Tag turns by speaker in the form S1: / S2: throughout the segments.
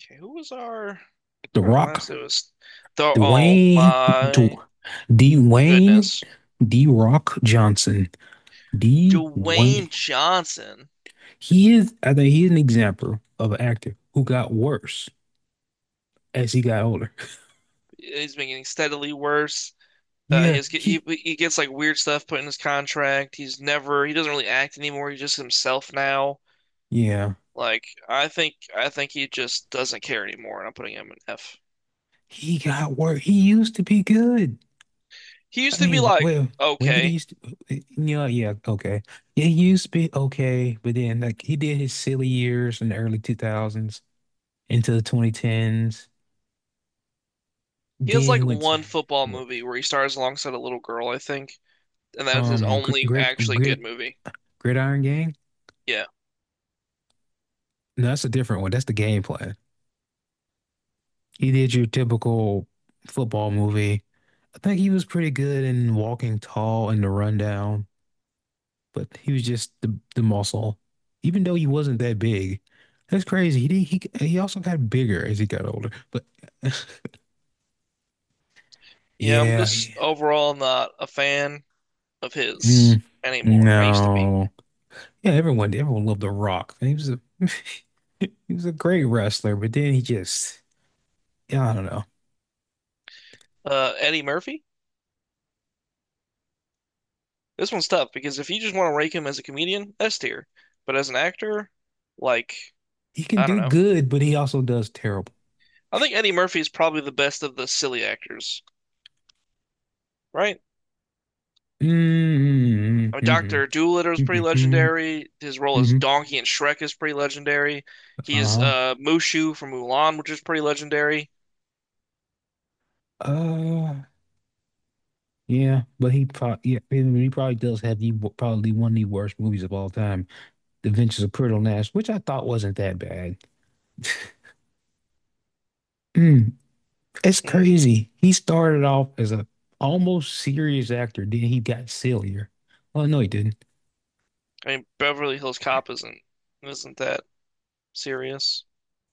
S1: Okay, who was
S2: The
S1: our
S2: Rock,
S1: last? It was the oh
S2: Dwayne,
S1: my
S2: Dw- Dwayne,
S1: goodness,
S2: D Rock Johnson, Dwayne.
S1: Dwayne Johnson.
S2: He is, I think he's an example of an actor who got worse as he got older.
S1: He's been getting steadily worse. He
S2: Yeah,
S1: has
S2: he,
S1: he gets like weird stuff put in his contract. He doesn't really act anymore. He's just himself now.
S2: yeah,
S1: Like I think he just doesn't care anymore, and I'm putting him an F.
S2: he got worse. He used to be good.
S1: He
S2: I
S1: used to be
S2: mean,
S1: like
S2: well, when did he
S1: okay.
S2: used to? Yeah, yeah, okay. Yeah, he used to be okay, but then like he did his silly years in the early 2000s into the 2010s.
S1: He has
S2: Then he
S1: like
S2: went to,
S1: one football movie where he stars alongside a little girl, I think, and that is his
S2: Um, grid,
S1: only
S2: grid,
S1: actually good
S2: grid,
S1: movie.
S2: Gridiron Gang?
S1: Yeah.
S2: No, that's a different one. That's the game plan. He did your typical football movie. I think he was pretty good in Walking Tall and The Rundown, but he was just the muscle. Even though he wasn't that big, that's crazy. He did, he also got bigger as he got older. But
S1: Yeah, I'm
S2: yeah,
S1: just overall not a fan of his
S2: mm,
S1: anymore. I used to be.
S2: no, yeah, everyone loved The Rock. He was a he was a great wrestler, but then he just yeah, I don't know.
S1: Eddie Murphy? This one's tough because if you just want to rank him as a comedian, S tier. But as an actor, like,
S2: He can
S1: I don't
S2: do
S1: know.
S2: good, but he also does terrible.
S1: I think Eddie Murphy is probably the best of the silly actors, right?
S2: Mm-hmm,
S1: I mean,
S2: mm-hmm,
S1: Dr. Doolittle is pretty
S2: mm-hmm.
S1: legendary. His role as
S2: Hmm.
S1: Donkey in Shrek is pretty legendary. He is
S2: Uh-huh.
S1: Mushu from Mulan, which is pretty legendary.
S2: Uh, yeah, but he probably, yeah, he probably does have the probably one of the worst movies of all time, The Adventures of Pretty Nash, which I thought wasn't that bad. Mm, it's
S1: Mm,
S2: crazy. He started off as a almost serious actor, then he got sillier. Well, no, he didn't.
S1: I mean, Beverly Hills Cop isn't that serious?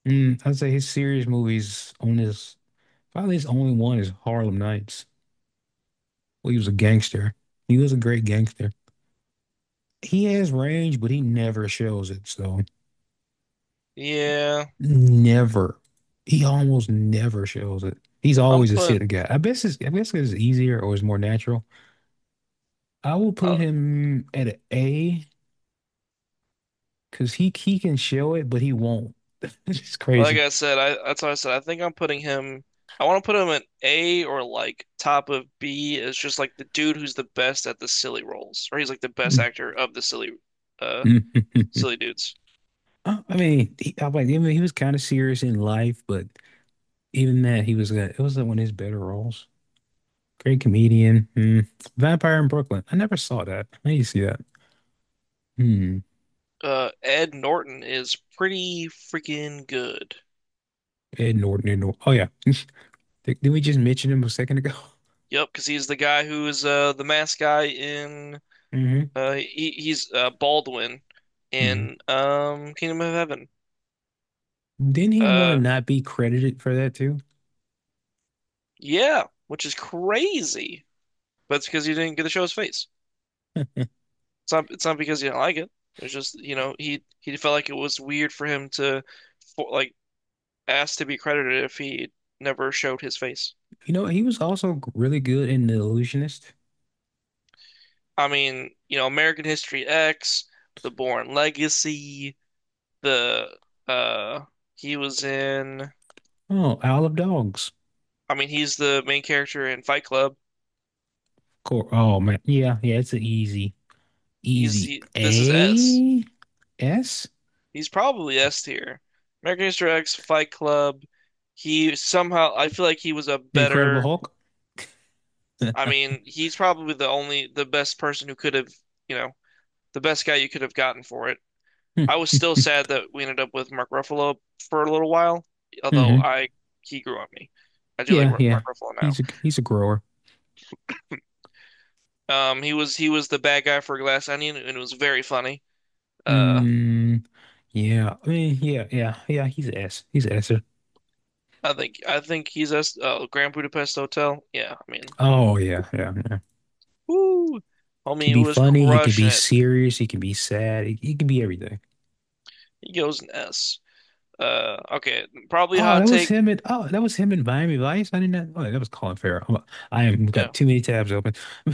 S2: Mm, I'd say his serious movies on his probably his only one is Harlem Nights. Well, he was a gangster. He was a great gangster. He has range, but he never shows it. So
S1: Yeah.
S2: never. He almost never shows it. He's
S1: I'm
S2: always a
S1: putting,
S2: sit guy. I guess it's easier or it's more natural. I will put
S1: uh,
S2: him at an A because he can show it, but he won't. It's
S1: like
S2: crazy.
S1: I said, I that's what I said. I think I'm putting him. I want to put him at A or like top of B is just like the dude who's the best at the silly roles, or he's like the best
S2: I
S1: actor of the silly, uh, silly dudes.
S2: mean, I like. I mean, he was kind of serious in life, but even that, he was. It was one of his better roles. Great comedian. Hmm. Vampire in Brooklyn. I never saw that. I need to see that. Hmm.
S1: Ed Norton is pretty freaking good.
S2: Ed Norton. Ed Norton. Oh yeah. Did we just mention him a second ago?
S1: Yep, because he's the guy who is the mask guy in
S2: Hmm.
S1: he's Baldwin
S2: Hmm.
S1: in Kingdom of Heaven.
S2: Didn't he want to
S1: Uh,
S2: not be credited for that too?
S1: yeah, which is crazy, but it's because you didn't get to show his face. It's not because he didn't like it. It's just, you know, he felt like it was weird for him to for, like ask to be credited if he never showed his face.
S2: You know, he was also really good in The Illusionist.
S1: I mean, you know, American History X, The Bourne Legacy, the uh he was in
S2: Oh, Isle of Dogs.
S1: I mean, he's the main character in Fight Club.
S2: Cool. Oh man. Yeah, yeah, it's an easy,
S1: He's
S2: easy
S1: he, this is S.
S2: A. S.
S1: He's probably S tier. American History X, Fight Club. He somehow I feel like he was a
S2: The Incredible
S1: better
S2: Hulk.
S1: I mean, he's probably the best person who could have, you know, the best guy you could have gotten for it. I
S2: Hmm.
S1: was still sad that we ended up with Mark Ruffalo for a little while, although
S2: Mm-hmm.
S1: I he grew on me. I do like
S2: Yeah,
S1: Mark
S2: yeah.
S1: Ruffalo now.
S2: He's a grower.
S1: He was the bad guy for Glass Onion, and it was very funny. Uh,
S2: Hmm. Yeah, I mean, yeah, yeah, yeah. He's an ass. He's an ass.
S1: I think he's us. Grand Budapest Hotel. Yeah, I mean,
S2: Oh yeah, yeah, yeah.
S1: woo,
S2: He can
S1: homie
S2: be
S1: was
S2: funny. He can be
S1: crushing it.
S2: serious. He can be sad. He can be everything.
S1: He goes an S. Okay, probably
S2: Oh,
S1: hot
S2: that was
S1: take.
S2: him at. Oh, that was him in Miami Vice. I didn't know- Oh, that was Colin Farrell. I am got
S1: Yeah,
S2: too many tabs open.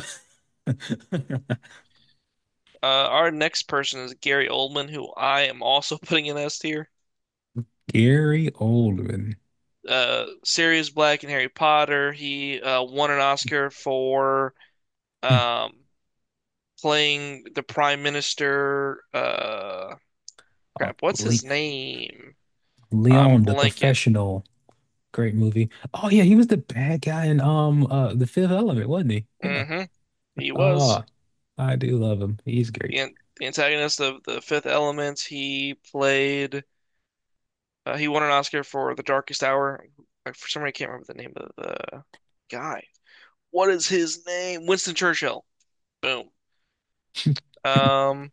S1: Our next person is Gary Oldman, who I am also putting in S tier.
S2: Gary Oldman.
S1: Sirius Black in Harry Potter. He won an Oscar for
S2: Hmm.
S1: um, playing the Prime Minister.
S2: Oh,
S1: Crap, what's
S2: Le
S1: his name? I'm
S2: Leon, the
S1: blanking.
S2: professional. Great movie. Oh yeah, he was the bad guy in The Fifth Element, wasn't he? Yeah.
S1: Hmm. He was
S2: Oh, I do love him. He's great.
S1: the, the antagonist of The Fifth Element. He played. He won an Oscar for The Darkest Hour. For some reason, I can't remember the name of the guy. What is his name? Winston Churchill. Boom. Um,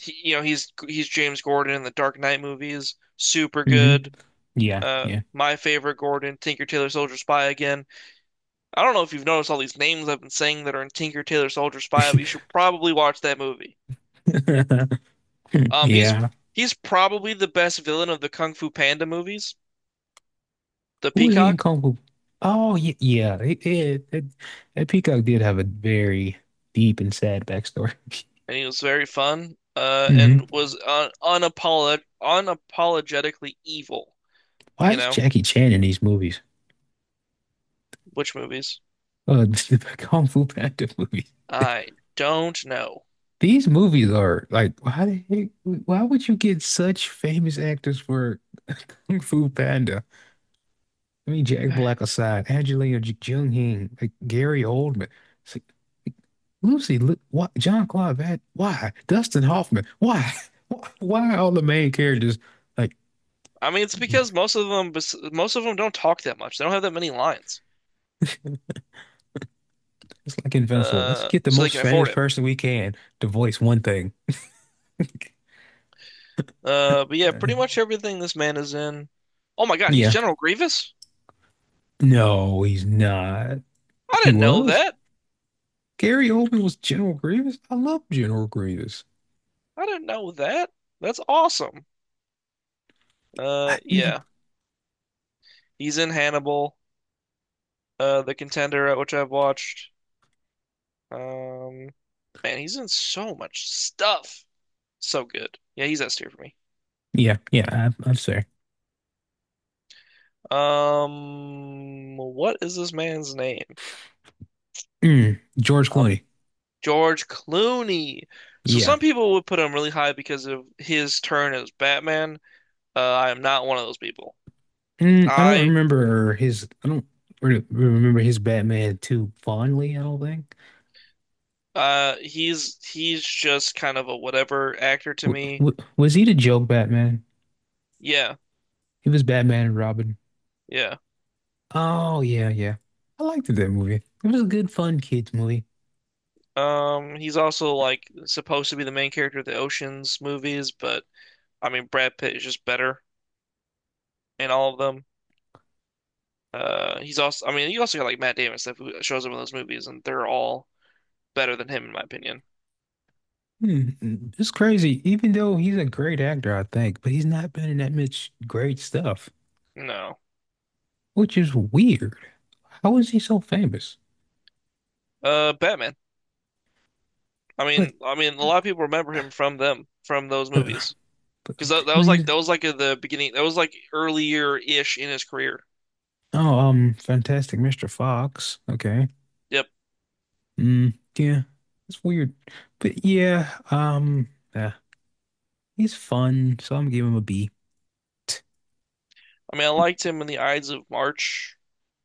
S1: you know, he's James Gordon in the Dark Knight movies. Super
S2: Hmm.
S1: good.
S2: Yeah,
S1: Uh,
S2: yeah.
S1: my favorite Gordon, Tinker Tailor Soldier Spy again. I don't know if you've noticed all these names I've been saying that are in Tinker Tailor Soldier Spy, but you should probably watch that movie. Um, he's
S2: Yeah.
S1: he's probably the best villain of the Kung Fu Panda movies, the
S2: Who was he in
S1: Peacock,
S2: Kung Fu? Oh, yeah. Yeah. That Peacock did have a very deep and sad backstory.
S1: and he was very fun. Uh,
S2: Hmm.
S1: and was uh, unapolog unapologetically evil.
S2: Why
S1: You
S2: is
S1: know,
S2: Jackie Chan in these movies?
S1: which movies?
S2: The Kung Fu Panda movies.
S1: I don't know.
S2: These movies are like, why the heck, why would you get such famous actors for Kung Fu Panda? I mean, Jack Black aside, Angelina Jolie, like Gary Oldman, it's like, Lucy, look, why, John Claude Van, why? Dustin Hoffman, why? Why are all the main characters like
S1: I mean, it's because most of them, most of them don't talk that much. They don't have that many lines,
S2: it's like Invincible? Let's get the
S1: so they
S2: most
S1: can
S2: famous
S1: afford it.
S2: person we can to voice one thing.
S1: But yeah, pretty much everything this man is in. Oh my God, he's
S2: Yeah,
S1: General Grievous?
S2: no, he's not.
S1: I
S2: He
S1: didn't know
S2: was.
S1: that.
S2: Gary Oldman was General Grievous. I love General Grievous.
S1: I didn't know that. That's awesome.
S2: I-
S1: Yeah, he's in Hannibal, The Contender, which I've watched. Um, he's in so much stuff. So good. Yeah, he's S tier for me.
S2: yeah, yeah, I'm sorry.
S1: What is this man's name?
S2: Mm, George
S1: I'm
S2: Clooney.
S1: George Clooney. So
S2: Yeah.
S1: some people would put him really high because of his turn as Batman. I am not one of those people.
S2: Mm, I don't
S1: I
S2: remember his. I don't re remember his Batman too fondly. I don't think.
S1: he's just kind of a whatever actor to
S2: W
S1: me.
S2: w was he the joke Batman?
S1: Yeah,
S2: He was Batman and Robin.
S1: yeah.
S2: Oh yeah, yeah. I liked that movie. It was a good, fun kids movie.
S1: He's also like supposed to be the main character of the Ocean's movies, but I mean Brad Pitt is just better in all of them. He's also I mean you also got like Matt Damon stuff who shows up in those movies, and they're all better than him in my opinion.
S2: Hmm, hmm, it's crazy. Even though he's a great actor, I think, but he's not been in that much great stuff,
S1: No,
S2: which is weird. How is he so famous?
S1: Batman. I
S2: But
S1: mean, I mean, a lot of people remember him from them, from those
S2: but
S1: movies,
S2: but,
S1: because that
S2: but
S1: was
S2: he was,
S1: like at the beginning, that was like earlier-ish in his career.
S2: oh Fantastic Mr. Fox. Okay.
S1: Yep.
S2: Mm, yeah, it's weird, but yeah, yeah, he's fun, so I'm gonna give him a B.
S1: I mean, I liked him in The Ides of March.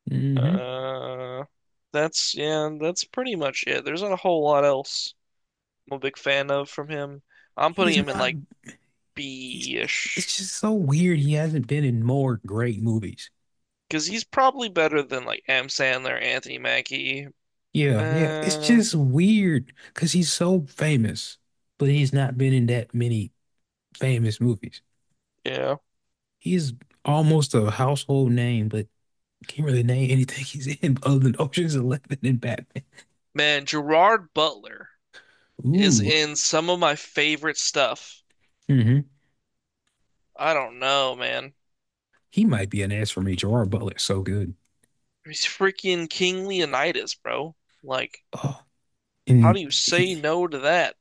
S2: Mm-hmm.
S1: Uh, that's yeah, that's pretty much it. There's not a whole lot else I'm a big fan of from him. I'm putting
S2: He's
S1: him in
S2: not.
S1: like
S2: He's, it's
S1: B-ish
S2: just so weird. He hasn't been in more great movies.
S1: because he's probably better than like M. Sandler, Anthony Mackie.
S2: Yeah, yeah, it's
S1: Uh,
S2: just weird because he's so famous, but he's not been in that many famous movies.
S1: yeah,
S2: He's almost a household name, but can't really name anything he's in other than Ocean's 11 and Batman.
S1: Gerard Butler is
S2: Ooh.
S1: in some of my favorite stuff.
S2: Hmm.
S1: I don't know, man.
S2: He might be an S for me. Gerard Butler's so good.
S1: He's freaking King Leonidas, bro. Like,
S2: Oh,
S1: how
S2: And
S1: do you
S2: he,
S1: say no to that?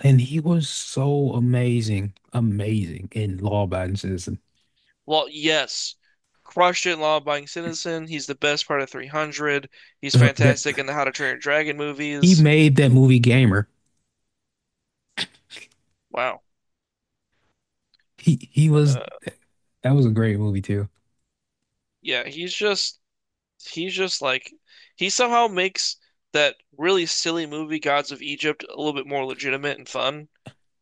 S2: and he was so amazing, amazing in Law Abiding Citizen.
S1: Well, yes. Crushed it, law-abiding citizen. He's the best part of 300. He's
S2: That
S1: fantastic in the How to Train Your Dragon
S2: he
S1: movies.
S2: made that movie gamer.
S1: Wow.
S2: He was
S1: Uh,
S2: that was a great movie too.
S1: yeah, he's just he's just like he somehow makes that really silly movie Gods of Egypt a little bit more legitimate and fun.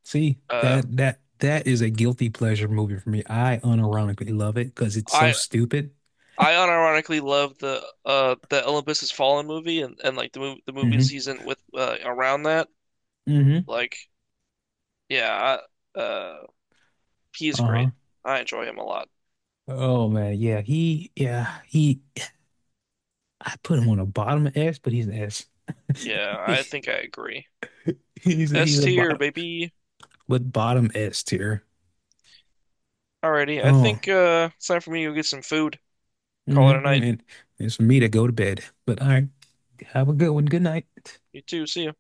S2: See,
S1: Uh,
S2: that is a guilty pleasure movie for me. I unironically love it because it's so
S1: I
S2: stupid.
S1: I unironically love the Olympus Has Fallen movie and, like the movies
S2: Hmm.
S1: he's in with around that.
S2: Hmm.
S1: Like, yeah, I, uh he's
S2: Uh-huh.
S1: great. I enjoy him a lot.
S2: Oh man, yeah. He yeah, he, I put him on a bottom S, but he's an S.
S1: Yeah, I think I agree.
S2: He's
S1: S
S2: a
S1: tier,
S2: bottom,
S1: baby.
S2: but bottom S tier.
S1: Alrighty, I
S2: Oh.
S1: think it's time for me to go get some food. Call it
S2: Hmm.
S1: a night.
S2: And it's for me to go to bed. But all right, have a good one. Good night.
S1: You too, see ya.